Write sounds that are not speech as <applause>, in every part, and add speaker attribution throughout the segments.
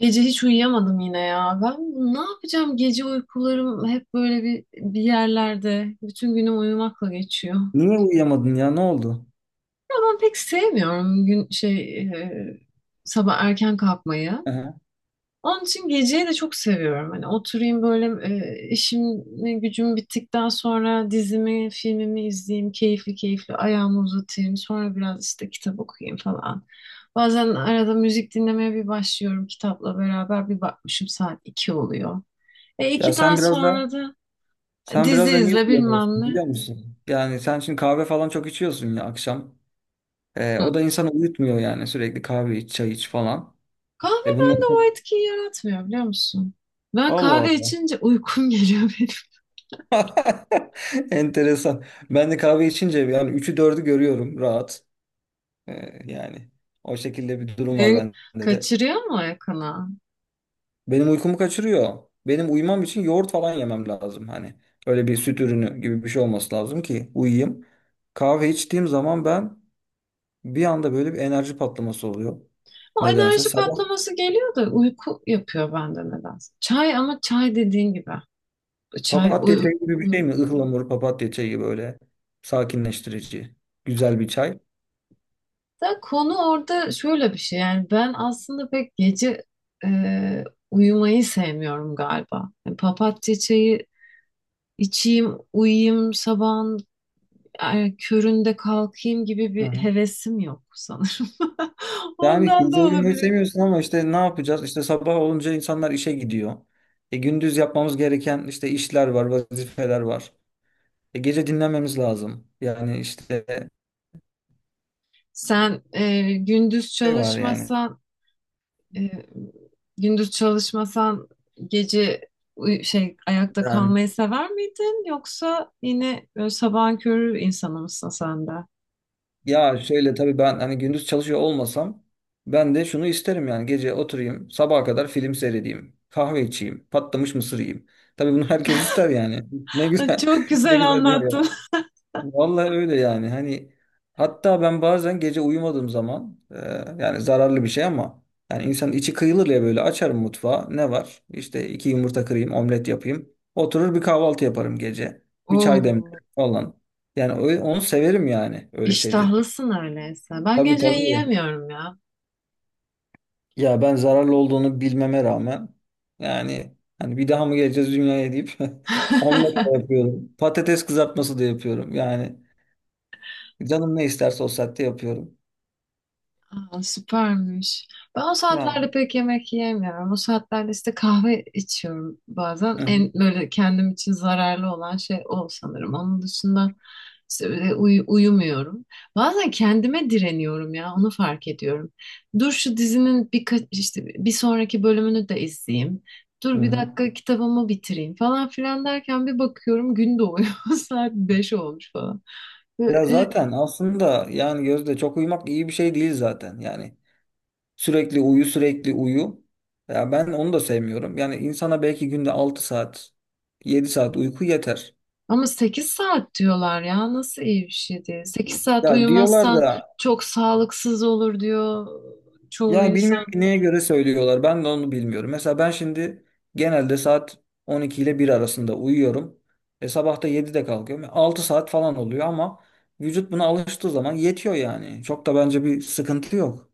Speaker 1: Gece hiç uyuyamadım yine ya. Ben ne yapacağım? Gece uykularım hep böyle bir yerlerde. Bütün günüm uyumakla geçiyor.
Speaker 2: Niye uyuyamadın ya? Ne oldu?
Speaker 1: Ya ben pek sevmiyorum sabah erken kalkmayı.
Speaker 2: Aha.
Speaker 1: Onun için geceyi de çok seviyorum. Hani oturayım böyle işim gücüm bittikten sonra dizimi, filmimi izleyeyim. Keyifli keyifli ayağımı uzatayım. Sonra biraz işte kitap okuyayım falan. Bazen arada müzik dinlemeye bir başlıyorum kitapla beraber. Bir bakmışım saat 2 oluyor. E
Speaker 2: Ya
Speaker 1: 2'den
Speaker 2: sen biraz
Speaker 1: sonra
Speaker 2: da
Speaker 1: da
Speaker 2: sen
Speaker 1: dizi
Speaker 2: biraz da niye
Speaker 1: izle bilmem
Speaker 2: uyuyamıyorsun
Speaker 1: ne.
Speaker 2: biliyor musun? Yani sen şimdi kahve falan çok içiyorsun ya akşam. O da
Speaker 1: Hı.
Speaker 2: insanı uyutmuyor yani sürekli kahve iç, çay iç falan.
Speaker 1: Kahve
Speaker 2: E bunları
Speaker 1: bende o
Speaker 2: çok-
Speaker 1: etkiyi yaratmıyor biliyor musun? Ben
Speaker 2: Allah
Speaker 1: kahve
Speaker 2: Allah.
Speaker 1: içince uykum <laughs> geliyor benim.
Speaker 2: <laughs> Enteresan. Ben de kahve içince yani üçü dördü görüyorum rahat. Yani o şekilde bir durum var
Speaker 1: Senin
Speaker 2: bende de.
Speaker 1: kaçırıyor mu yakına?
Speaker 2: Benim uykumu kaçırıyor. Benim uyumam için yoğurt falan yemem lazım hani. Öyle bir süt ürünü gibi bir şey olması lazım ki uyuyayım. Kahve içtiğim zaman ben bir anda böyle bir enerji patlaması oluyor.
Speaker 1: O
Speaker 2: Nedense
Speaker 1: enerji
Speaker 2: sabah
Speaker 1: patlaması geliyor da uyku yapıyor bende nedense. Çay ama çay dediğin gibi. Çay
Speaker 2: papatya
Speaker 1: uy,
Speaker 2: çayı gibi bir şey
Speaker 1: uy.
Speaker 2: mi? Ihlamur papatya çayı gibi böyle sakinleştirici. Güzel bir çay.
Speaker 1: Da konu orada şöyle bir şey yani ben aslında pek gece e, uyumayı sevmiyorum galiba. Yani papatya çayı içeyim, uyuyayım sabah yani köründe kalkayım gibi
Speaker 2: Hı
Speaker 1: bir
Speaker 2: hı.
Speaker 1: hevesim yok sanırım. <laughs>
Speaker 2: Yani
Speaker 1: Ondan da
Speaker 2: gece uyumayı
Speaker 1: olabilir.
Speaker 2: seviyorsun ama işte ne yapacağız? İşte sabah olunca insanlar işe gidiyor. E, gündüz yapmamız gereken işte işler var, vazifeler var. E, gece dinlenmemiz lazım. Yani işte
Speaker 1: Sen gündüz
Speaker 2: şey var yani.
Speaker 1: çalışmasan e, gündüz çalışmasan gece ayakta
Speaker 2: Yani
Speaker 1: kalmayı sever miydin yoksa yine böyle sabahın körü insanı mısın sen de?
Speaker 2: ya şöyle tabii ben hani gündüz çalışıyor olmasam ben de şunu isterim yani gece oturayım sabaha kadar film seyredeyim. Kahve içeyim. Patlamış mısır yiyeyim. Tabii bunu herkes ister yani. <laughs> Ne
Speaker 1: Ay,
Speaker 2: güzel.
Speaker 1: çok
Speaker 2: <laughs> Ne
Speaker 1: güzel
Speaker 2: güzel bir hayat.
Speaker 1: anlattın.
Speaker 2: Vallahi öyle yani hani hatta ben bazen gece uyumadığım zaman yani zararlı bir şey ama yani insan içi kıyılır ya böyle açarım mutfağı ne var işte iki yumurta kırayım omlet yapayım oturur bir kahvaltı yaparım gece
Speaker 1: <laughs>
Speaker 2: bir çay
Speaker 1: Oo,
Speaker 2: demlerim falan yani öyle, onu severim yani öyle şeyleri.
Speaker 1: iştahlısın öyleyse. Ben
Speaker 2: Tabii
Speaker 1: gece
Speaker 2: tabii
Speaker 1: yiyemiyorum ya.
Speaker 2: ya ben zararlı olduğunu bilmeme rağmen yani hani bir daha mı geleceğiz dünyaya deyip <laughs> omlet
Speaker 1: <laughs>
Speaker 2: de yapıyorum patates kızartması da yapıyorum yani canım ne isterse o saatte yapıyorum.
Speaker 1: Aa, süpermiş. Ben o
Speaker 2: Yani.
Speaker 1: saatlerde pek yemek yiyemiyorum. O saatlerde işte kahve içiyorum bazen.
Speaker 2: Hı hı.
Speaker 1: En böyle kendim için zararlı olan şey o sanırım. Onun dışında işte böyle uyumuyorum. Bazen kendime direniyorum ya onu fark ediyorum. Dur şu dizinin birkaç işte bir sonraki bölümünü de izleyeyim.
Speaker 2: Hı
Speaker 1: Dur bir
Speaker 2: hı.
Speaker 1: dakika kitabımı bitireyim falan filan derken bir bakıyorum gün doğuyor. <laughs> Saat 5 olmuş falan.
Speaker 2: Ya zaten aslında yani Gözde çok uyumak iyi bir şey değil zaten. Yani sürekli uyu sürekli uyu. Ya ben onu da sevmiyorum. Yani insana belki günde 6 saat 7 saat uyku yeter.
Speaker 1: Ama 8 saat diyorlar ya nasıl iyi bir şey değil. 8 saat
Speaker 2: Ya diyorlar
Speaker 1: uyumazsan
Speaker 2: da
Speaker 1: çok sağlıksız olur diyor çoğu
Speaker 2: ya bilmiyorum
Speaker 1: insan.
Speaker 2: ki neye göre söylüyorlar. Ben de onu bilmiyorum. Mesela ben şimdi genelde saat 12 ile bir arasında uyuyorum. E sabah da 7'de kalkıyorum. E, 6 saat falan oluyor ama vücut buna alıştığı zaman yetiyor yani. Çok da bence bir sıkıntı yok.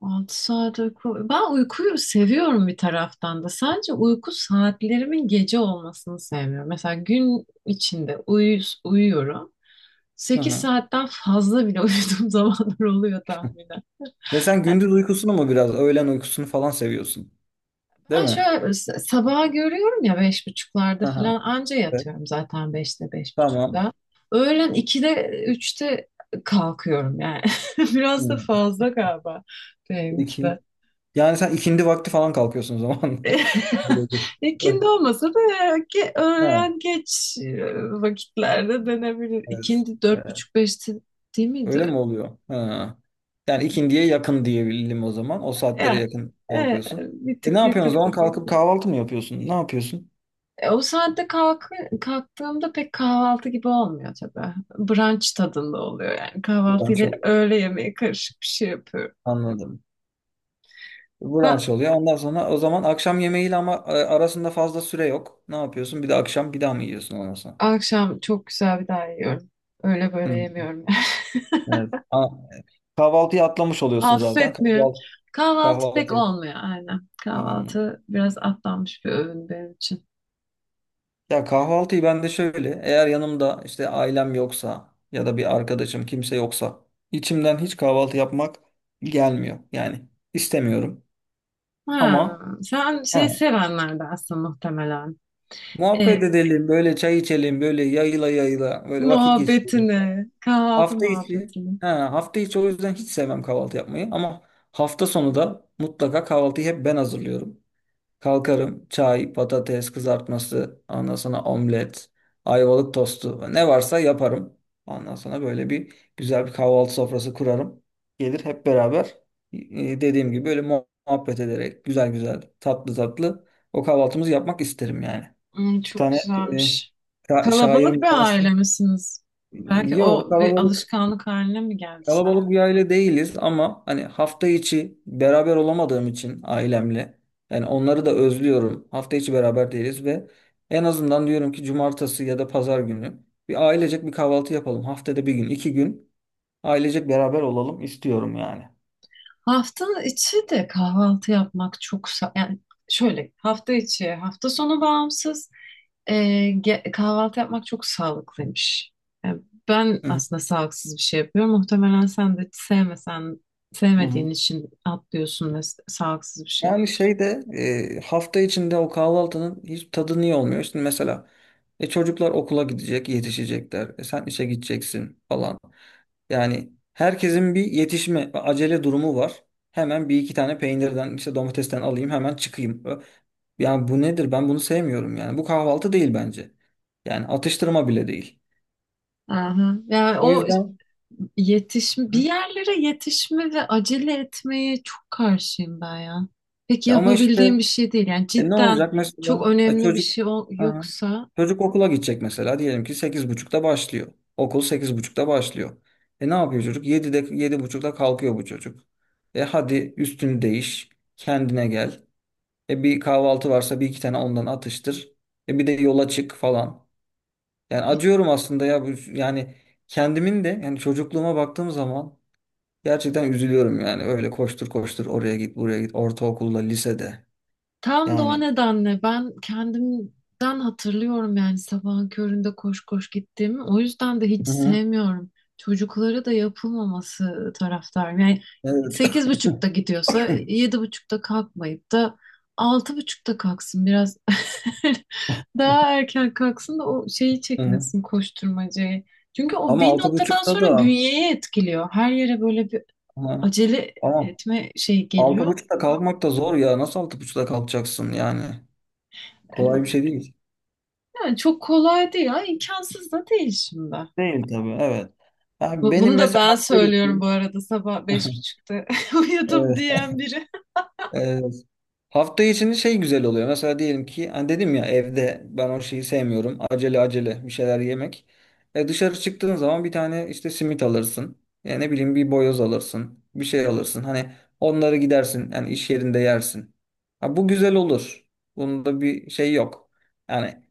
Speaker 1: 6 saat uyku. Ben uykuyu seviyorum bir taraftan da. Sadece uyku saatlerimin gece olmasını sevmiyorum. Mesela gün içinde uyuyorum.
Speaker 2: Hı
Speaker 1: sekiz
Speaker 2: hı.
Speaker 1: saatten fazla bile <laughs> uyuduğum zamanlar oluyor tahminen.
Speaker 2: Ya sen gündüz uykusunu mu biraz, öğlen uykusunu falan seviyorsun, değil
Speaker 1: Ben
Speaker 2: mi?
Speaker 1: şöyle sabaha görüyorum ya 5 buçuklarda
Speaker 2: Aha,
Speaker 1: falan anca
Speaker 2: evet.
Speaker 1: yatıyorum zaten beşte beş
Speaker 2: Tamam.
Speaker 1: buçukta. Öğlen 2'de 3'te kalkıyorum yani. <laughs> Biraz da
Speaker 2: Hmm.
Speaker 1: fazla galiba benimki
Speaker 2: İki.
Speaker 1: de.
Speaker 2: Yani sen ikindi vakti falan kalkıyorsun o zaman. <laughs> Böyle
Speaker 1: <laughs>
Speaker 2: oluyor. Eh,
Speaker 1: İkindi olmasa da ya ki
Speaker 2: ha,
Speaker 1: öğlen geç vakitlerde denebilir.
Speaker 2: evet.
Speaker 1: İkindi dört
Speaker 2: Evet.
Speaker 1: buçuk beşti değil
Speaker 2: Öyle
Speaker 1: miydi?
Speaker 2: mi oluyor? Ha. Yani ikindiye yakın diyebilirim o zaman. O saatlere
Speaker 1: Yani
Speaker 2: yakın
Speaker 1: e,
Speaker 2: kalkıyorsun.
Speaker 1: bir
Speaker 2: E ne
Speaker 1: tık
Speaker 2: yapıyorsun o
Speaker 1: yakın
Speaker 2: zaman?
Speaker 1: tabii.
Speaker 2: Kalkıp kahvaltı mı yapıyorsun? Ne yapıyorsun?
Speaker 1: O saatte kalktığımda pek kahvaltı gibi olmuyor tabii. Brunch tadında oluyor yani. Kahvaltı
Speaker 2: Brunch
Speaker 1: ile
Speaker 2: oluyor.
Speaker 1: öğle yemeği karışık bir şey yapıyorum.
Speaker 2: Anladım.
Speaker 1: Ben
Speaker 2: Brunch oluyor. Ondan sonra o zaman akşam yemeğiyle ama arasında fazla süre yok. Ne yapıyorsun? Bir de akşam bir daha mı yiyorsun ondan sonra?
Speaker 1: akşam çok güzel bir daha yiyorum. Öyle böyle
Speaker 2: Hı.
Speaker 1: yemiyorum.
Speaker 2: Evet. Kahvaltıyı atlamış
Speaker 1: <laughs>
Speaker 2: oluyorsun zaten.
Speaker 1: Affetmiyorum.
Speaker 2: Kahvaltı,
Speaker 1: Kahvaltı pek
Speaker 2: kahvaltı yok.
Speaker 1: olmuyor aynen.
Speaker 2: Hmm.
Speaker 1: Kahvaltı biraz atlanmış bir öğün benim için.
Speaker 2: Ya kahvaltıyı ben de şöyle, eğer yanımda işte ailem yoksa ya da bir arkadaşım kimse yoksa içimden hiç kahvaltı yapmak gelmiyor. Yani istemiyorum.
Speaker 1: Ha,
Speaker 2: Ama
Speaker 1: sen
Speaker 2: he,
Speaker 1: şey sevenlerdensin muhtemelen. E,
Speaker 2: muhabbet edelim, böyle çay içelim, böyle yayıla yayıla, böyle vakit geçirelim.
Speaker 1: Muhabbetini, kahvaltı
Speaker 2: Hafta içi,
Speaker 1: muhabbetini.
Speaker 2: he, hafta içi o yüzden hiç sevmem kahvaltı yapmayı. Ama hafta sonu da mutlaka kahvaltıyı hep ben hazırlıyorum. Kalkarım çay, patates kızartması, ondan sonra omlet, ayvalık tostu ne varsa yaparım. Ondan sonra böyle bir güzel bir kahvaltı sofrası kurarım. Gelir hep beraber dediğim gibi böyle muhabbet ederek güzel güzel tatlı tatlı o kahvaltımızı yapmak isterim yani.
Speaker 1: Hmm,
Speaker 2: Bir
Speaker 1: çok
Speaker 2: tane e,
Speaker 1: güzelmiş.
Speaker 2: şairin
Speaker 1: Kalabalık
Speaker 2: bir
Speaker 1: bir aile
Speaker 2: tanesi.
Speaker 1: misiniz? Belki
Speaker 2: Yok,
Speaker 1: o bir
Speaker 2: kalabalık
Speaker 1: alışkanlık haline mi geldi sende?
Speaker 2: Kalabalık bir aile değiliz ama hani hafta içi beraber olamadığım için ailemle yani onları da özlüyorum. Hafta içi beraber değiliz ve en azından diyorum ki cumartesi ya da pazar günü bir ailecek bir kahvaltı yapalım. Haftada bir gün, iki gün ailecek beraber olalım istiyorum yani.
Speaker 1: Hafta içi de kahvaltı yapmak çok yani şöyle hafta içi hafta sonu bağımsız e, kahvaltı yapmak çok sağlıklıymış. Yani ben
Speaker 2: Hı hı.
Speaker 1: aslında sağlıksız bir şey yapıyorum. Muhtemelen sen de
Speaker 2: Hı hı.
Speaker 1: sevmediğin için atlıyorsun ve sağlıksız bir şey
Speaker 2: Yani
Speaker 1: yapıyorsun.
Speaker 2: şeyde hafta içinde o kahvaltının hiç tadı niye olmuyor? Şimdi mesela çocuklar okula gidecek, yetişecekler. E, sen işe gideceksin falan. Yani herkesin bir yetişme, acele durumu var. Hemen bir iki tane peynirden, işte domatesten alayım, hemen çıkayım. Yani bu nedir? Ben bunu sevmiyorum yani. Bu kahvaltı değil bence. Yani atıştırma bile değil.
Speaker 1: Aha.
Speaker 2: O yüzden.
Speaker 1: Bir
Speaker 2: Hı?
Speaker 1: yerlere yetişme ve acele etmeye çok karşıyım ben ya. Peki
Speaker 2: Ama
Speaker 1: yapabildiğim
Speaker 2: işte.
Speaker 1: bir şey değil. Yani
Speaker 2: E ne
Speaker 1: cidden
Speaker 2: olacak
Speaker 1: çok
Speaker 2: mesela? E
Speaker 1: önemli bir
Speaker 2: çocuk
Speaker 1: şey
Speaker 2: Aha.
Speaker 1: yoksa
Speaker 2: Çocuk okula gidecek mesela. Diyelim ki 8:30'da başlıyor. Okul 8:30'da başlıyor. E ne yapıyor çocuk? 7'de 7:30'da kalkıyor bu çocuk. E hadi üstünü değiş. Kendine gel. E bir kahvaltı varsa bir iki tane ondan atıştır. E bir de yola çık falan. Yani
Speaker 1: e,
Speaker 2: acıyorum aslında ya. Yani kendimin de yani çocukluğuma baktığım zaman gerçekten üzülüyorum yani. Öyle koştur koştur oraya git buraya git ortaokulda lisede.
Speaker 1: tam da o
Speaker 2: Yani.
Speaker 1: nedenle ben kendimden hatırlıyorum yani sabahın köründe koş koş gittiğimi. O yüzden de hiç
Speaker 2: Hı hı.
Speaker 1: sevmiyorum. Çocuklara da yapılmaması taraftarım. Yani
Speaker 2: Evet.
Speaker 1: 8 buçukta gidiyorsa
Speaker 2: <laughs> <coughs>
Speaker 1: 7 buçukta kalkmayıp da 6 buçukta kalksın. Biraz daha erken kalksın da o şeyi
Speaker 2: Hı hı.
Speaker 1: çekmesin koşturmacayı. Çünkü o
Speaker 2: Ama
Speaker 1: bir
Speaker 2: altı
Speaker 1: noktadan
Speaker 2: buçukta
Speaker 1: sonra
Speaker 2: da
Speaker 1: bünyeye etkiliyor. Her yere böyle bir
Speaker 2: ama,
Speaker 1: acele
Speaker 2: ama
Speaker 1: etme şeyi
Speaker 2: altı
Speaker 1: geliyor.
Speaker 2: buçukta kalkmak da zor ya. Nasıl 6:30'da kalkacaksın yani? Kolay bir
Speaker 1: Ee,
Speaker 2: şey değil.
Speaker 1: Yani çok kolay değil ama imkansız da değil şimdi.
Speaker 2: Değil tabii evet. Ya benim
Speaker 1: Bunu da
Speaker 2: mesela
Speaker 1: ben
Speaker 2: hafta
Speaker 1: söylüyorum bu
Speaker 2: içi.
Speaker 1: arada sabah beş
Speaker 2: <laughs>
Speaker 1: buçukta <laughs> uyudum
Speaker 2: Evet,
Speaker 1: diyen biri.
Speaker 2: evet. Hafta içinde şey güzel oluyor. Mesela diyelim ki hani dedim ya evde ben o şeyi sevmiyorum. Acele acele bir şeyler yemek. E dışarı çıktığın zaman bir tane işte simit alırsın. Ya ne bileyim bir boyoz alırsın. Bir şey alırsın. Hani onları gidersin. Yani iş yerinde yersin. Ha, bu güzel olur. Bunda bir şey yok. Yani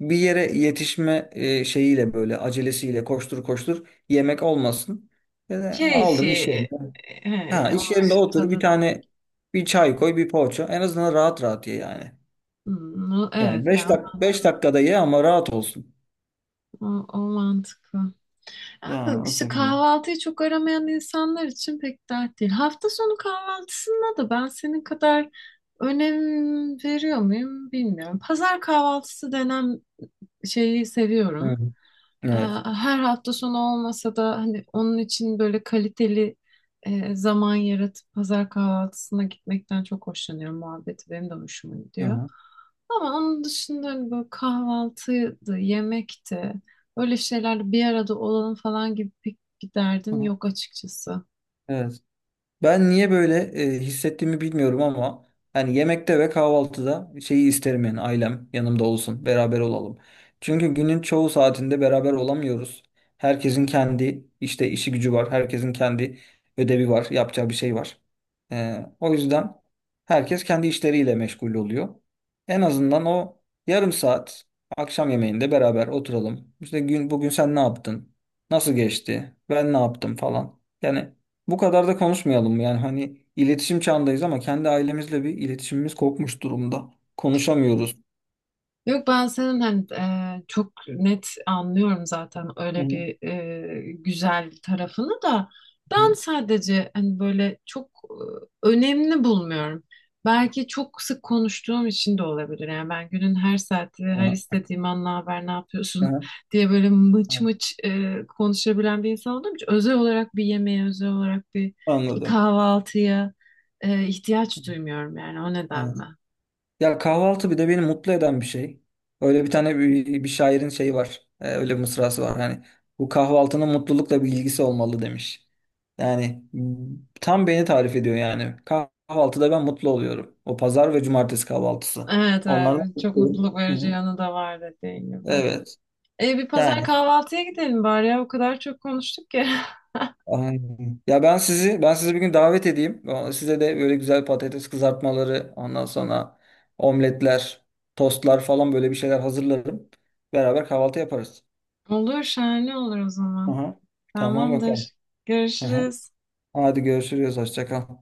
Speaker 2: bir yere yetişme şeyiyle böyle acelesiyle koştur koştur yemek olmasın. Yani
Speaker 1: Keyfi
Speaker 2: aldın iş yerinde. Ha, iş yerinde
Speaker 1: olsun
Speaker 2: otur bir
Speaker 1: tadı da.
Speaker 2: tane bir çay koy bir poğaça. En azından rahat rahat ye yani.
Speaker 1: Hmm,
Speaker 2: Yani
Speaker 1: evet
Speaker 2: 5
Speaker 1: ya
Speaker 2: dak 5 dakikada ye ama rahat olsun.
Speaker 1: o, o mantıklı. Ha,
Speaker 2: Yani o
Speaker 1: İşte
Speaker 2: şekilde.
Speaker 1: kahvaltıyı çok aramayan insanlar için pek dert değil. Hafta sonu kahvaltısında da ben senin kadar önem veriyor muyum bilmiyorum. Pazar kahvaltısı denen şeyi
Speaker 2: Hı.
Speaker 1: seviyorum. Ee,
Speaker 2: Evet.
Speaker 1: Her hafta sonu olmasa da hani onun için böyle kaliteli zaman yaratıp pazar kahvaltısına gitmekten çok hoşlanıyorum. Muhabbeti benim de hoşuma
Speaker 2: Hı
Speaker 1: gidiyor.
Speaker 2: hı.
Speaker 1: Ama onun dışında hani böyle kahvaltıydı, yemekti. Öyle şeylerle bir arada olalım falan gibi pek bir derdim
Speaker 2: Hı.
Speaker 1: yok açıkçası.
Speaker 2: Evet. Ben niye böyle hissettiğimi bilmiyorum ama hani yemekte ve kahvaltıda şeyi isterim yani ailem yanımda olsun, beraber olalım. Çünkü günün çoğu saatinde beraber olamıyoruz. Herkesin kendi işte işi gücü var, herkesin kendi ödevi var, yapacağı bir şey var. E, o yüzden herkes kendi işleriyle meşgul oluyor. En azından o yarım saat akşam yemeğinde beraber oturalım. İşte gün bugün sen ne yaptın? Nasıl geçti? Ben ne yaptım falan. Yani bu kadar da konuşmayalım. Yani hani iletişim çağındayız ama kendi ailemizle bir iletişimimiz kopmuş durumda. Konuşamıyoruz.
Speaker 1: Yok ben senin hani çok net anlıyorum zaten
Speaker 2: Hı
Speaker 1: öyle
Speaker 2: hı.
Speaker 1: bir güzel tarafını da
Speaker 2: Hı.
Speaker 1: ben sadece hani böyle çok önemli bulmuyorum. Belki çok sık konuştuğum için de olabilir. Yani ben günün her saati, her
Speaker 2: Aha,
Speaker 1: istediğim an ne haber, ne yapıyorsun
Speaker 2: aha.
Speaker 1: <laughs> diye böyle mıç
Speaker 2: Evet.
Speaker 1: mıç konuşabilen bir insan olduğum için özel olarak bir yemeğe, özel olarak bir
Speaker 2: Anladım.
Speaker 1: kahvaltıya ihtiyaç duymuyorum yani o
Speaker 2: Evet.
Speaker 1: nedenle.
Speaker 2: Ya kahvaltı bir de beni mutlu eden bir şey. Öyle bir tane bir şairin şeyi var. Öyle bir mısrası var. Hani bu kahvaltının mutlulukla bir ilgisi olmalı demiş. Yani tam beni tarif ediyor yani. Kahvaltıda ben mutlu oluyorum. O pazar ve cumartesi kahvaltısı.
Speaker 1: Evet
Speaker 2: Onlardan
Speaker 1: abi çok
Speaker 2: mutluyum.
Speaker 1: mutluluk
Speaker 2: Hı
Speaker 1: verici
Speaker 2: hı.
Speaker 1: yanı da var dediğin gibi.
Speaker 2: Evet.
Speaker 1: Bir
Speaker 2: Yani,
Speaker 1: pazar kahvaltıya gidelim bari ya o kadar çok konuştuk ki.
Speaker 2: aynen. Ya ben sizi bir gün davet edeyim. Size de böyle güzel patates kızartmaları, ondan sonra omletler, tostlar falan böyle bir şeyler hazırlarım. Beraber kahvaltı yaparız.
Speaker 1: <laughs> Olur şahane olur o zaman.
Speaker 2: Aha. Tamam bakalım.
Speaker 1: Tamamdır.
Speaker 2: Aha.
Speaker 1: Görüşürüz.
Speaker 2: Hadi görüşürüz. Hoşça kal.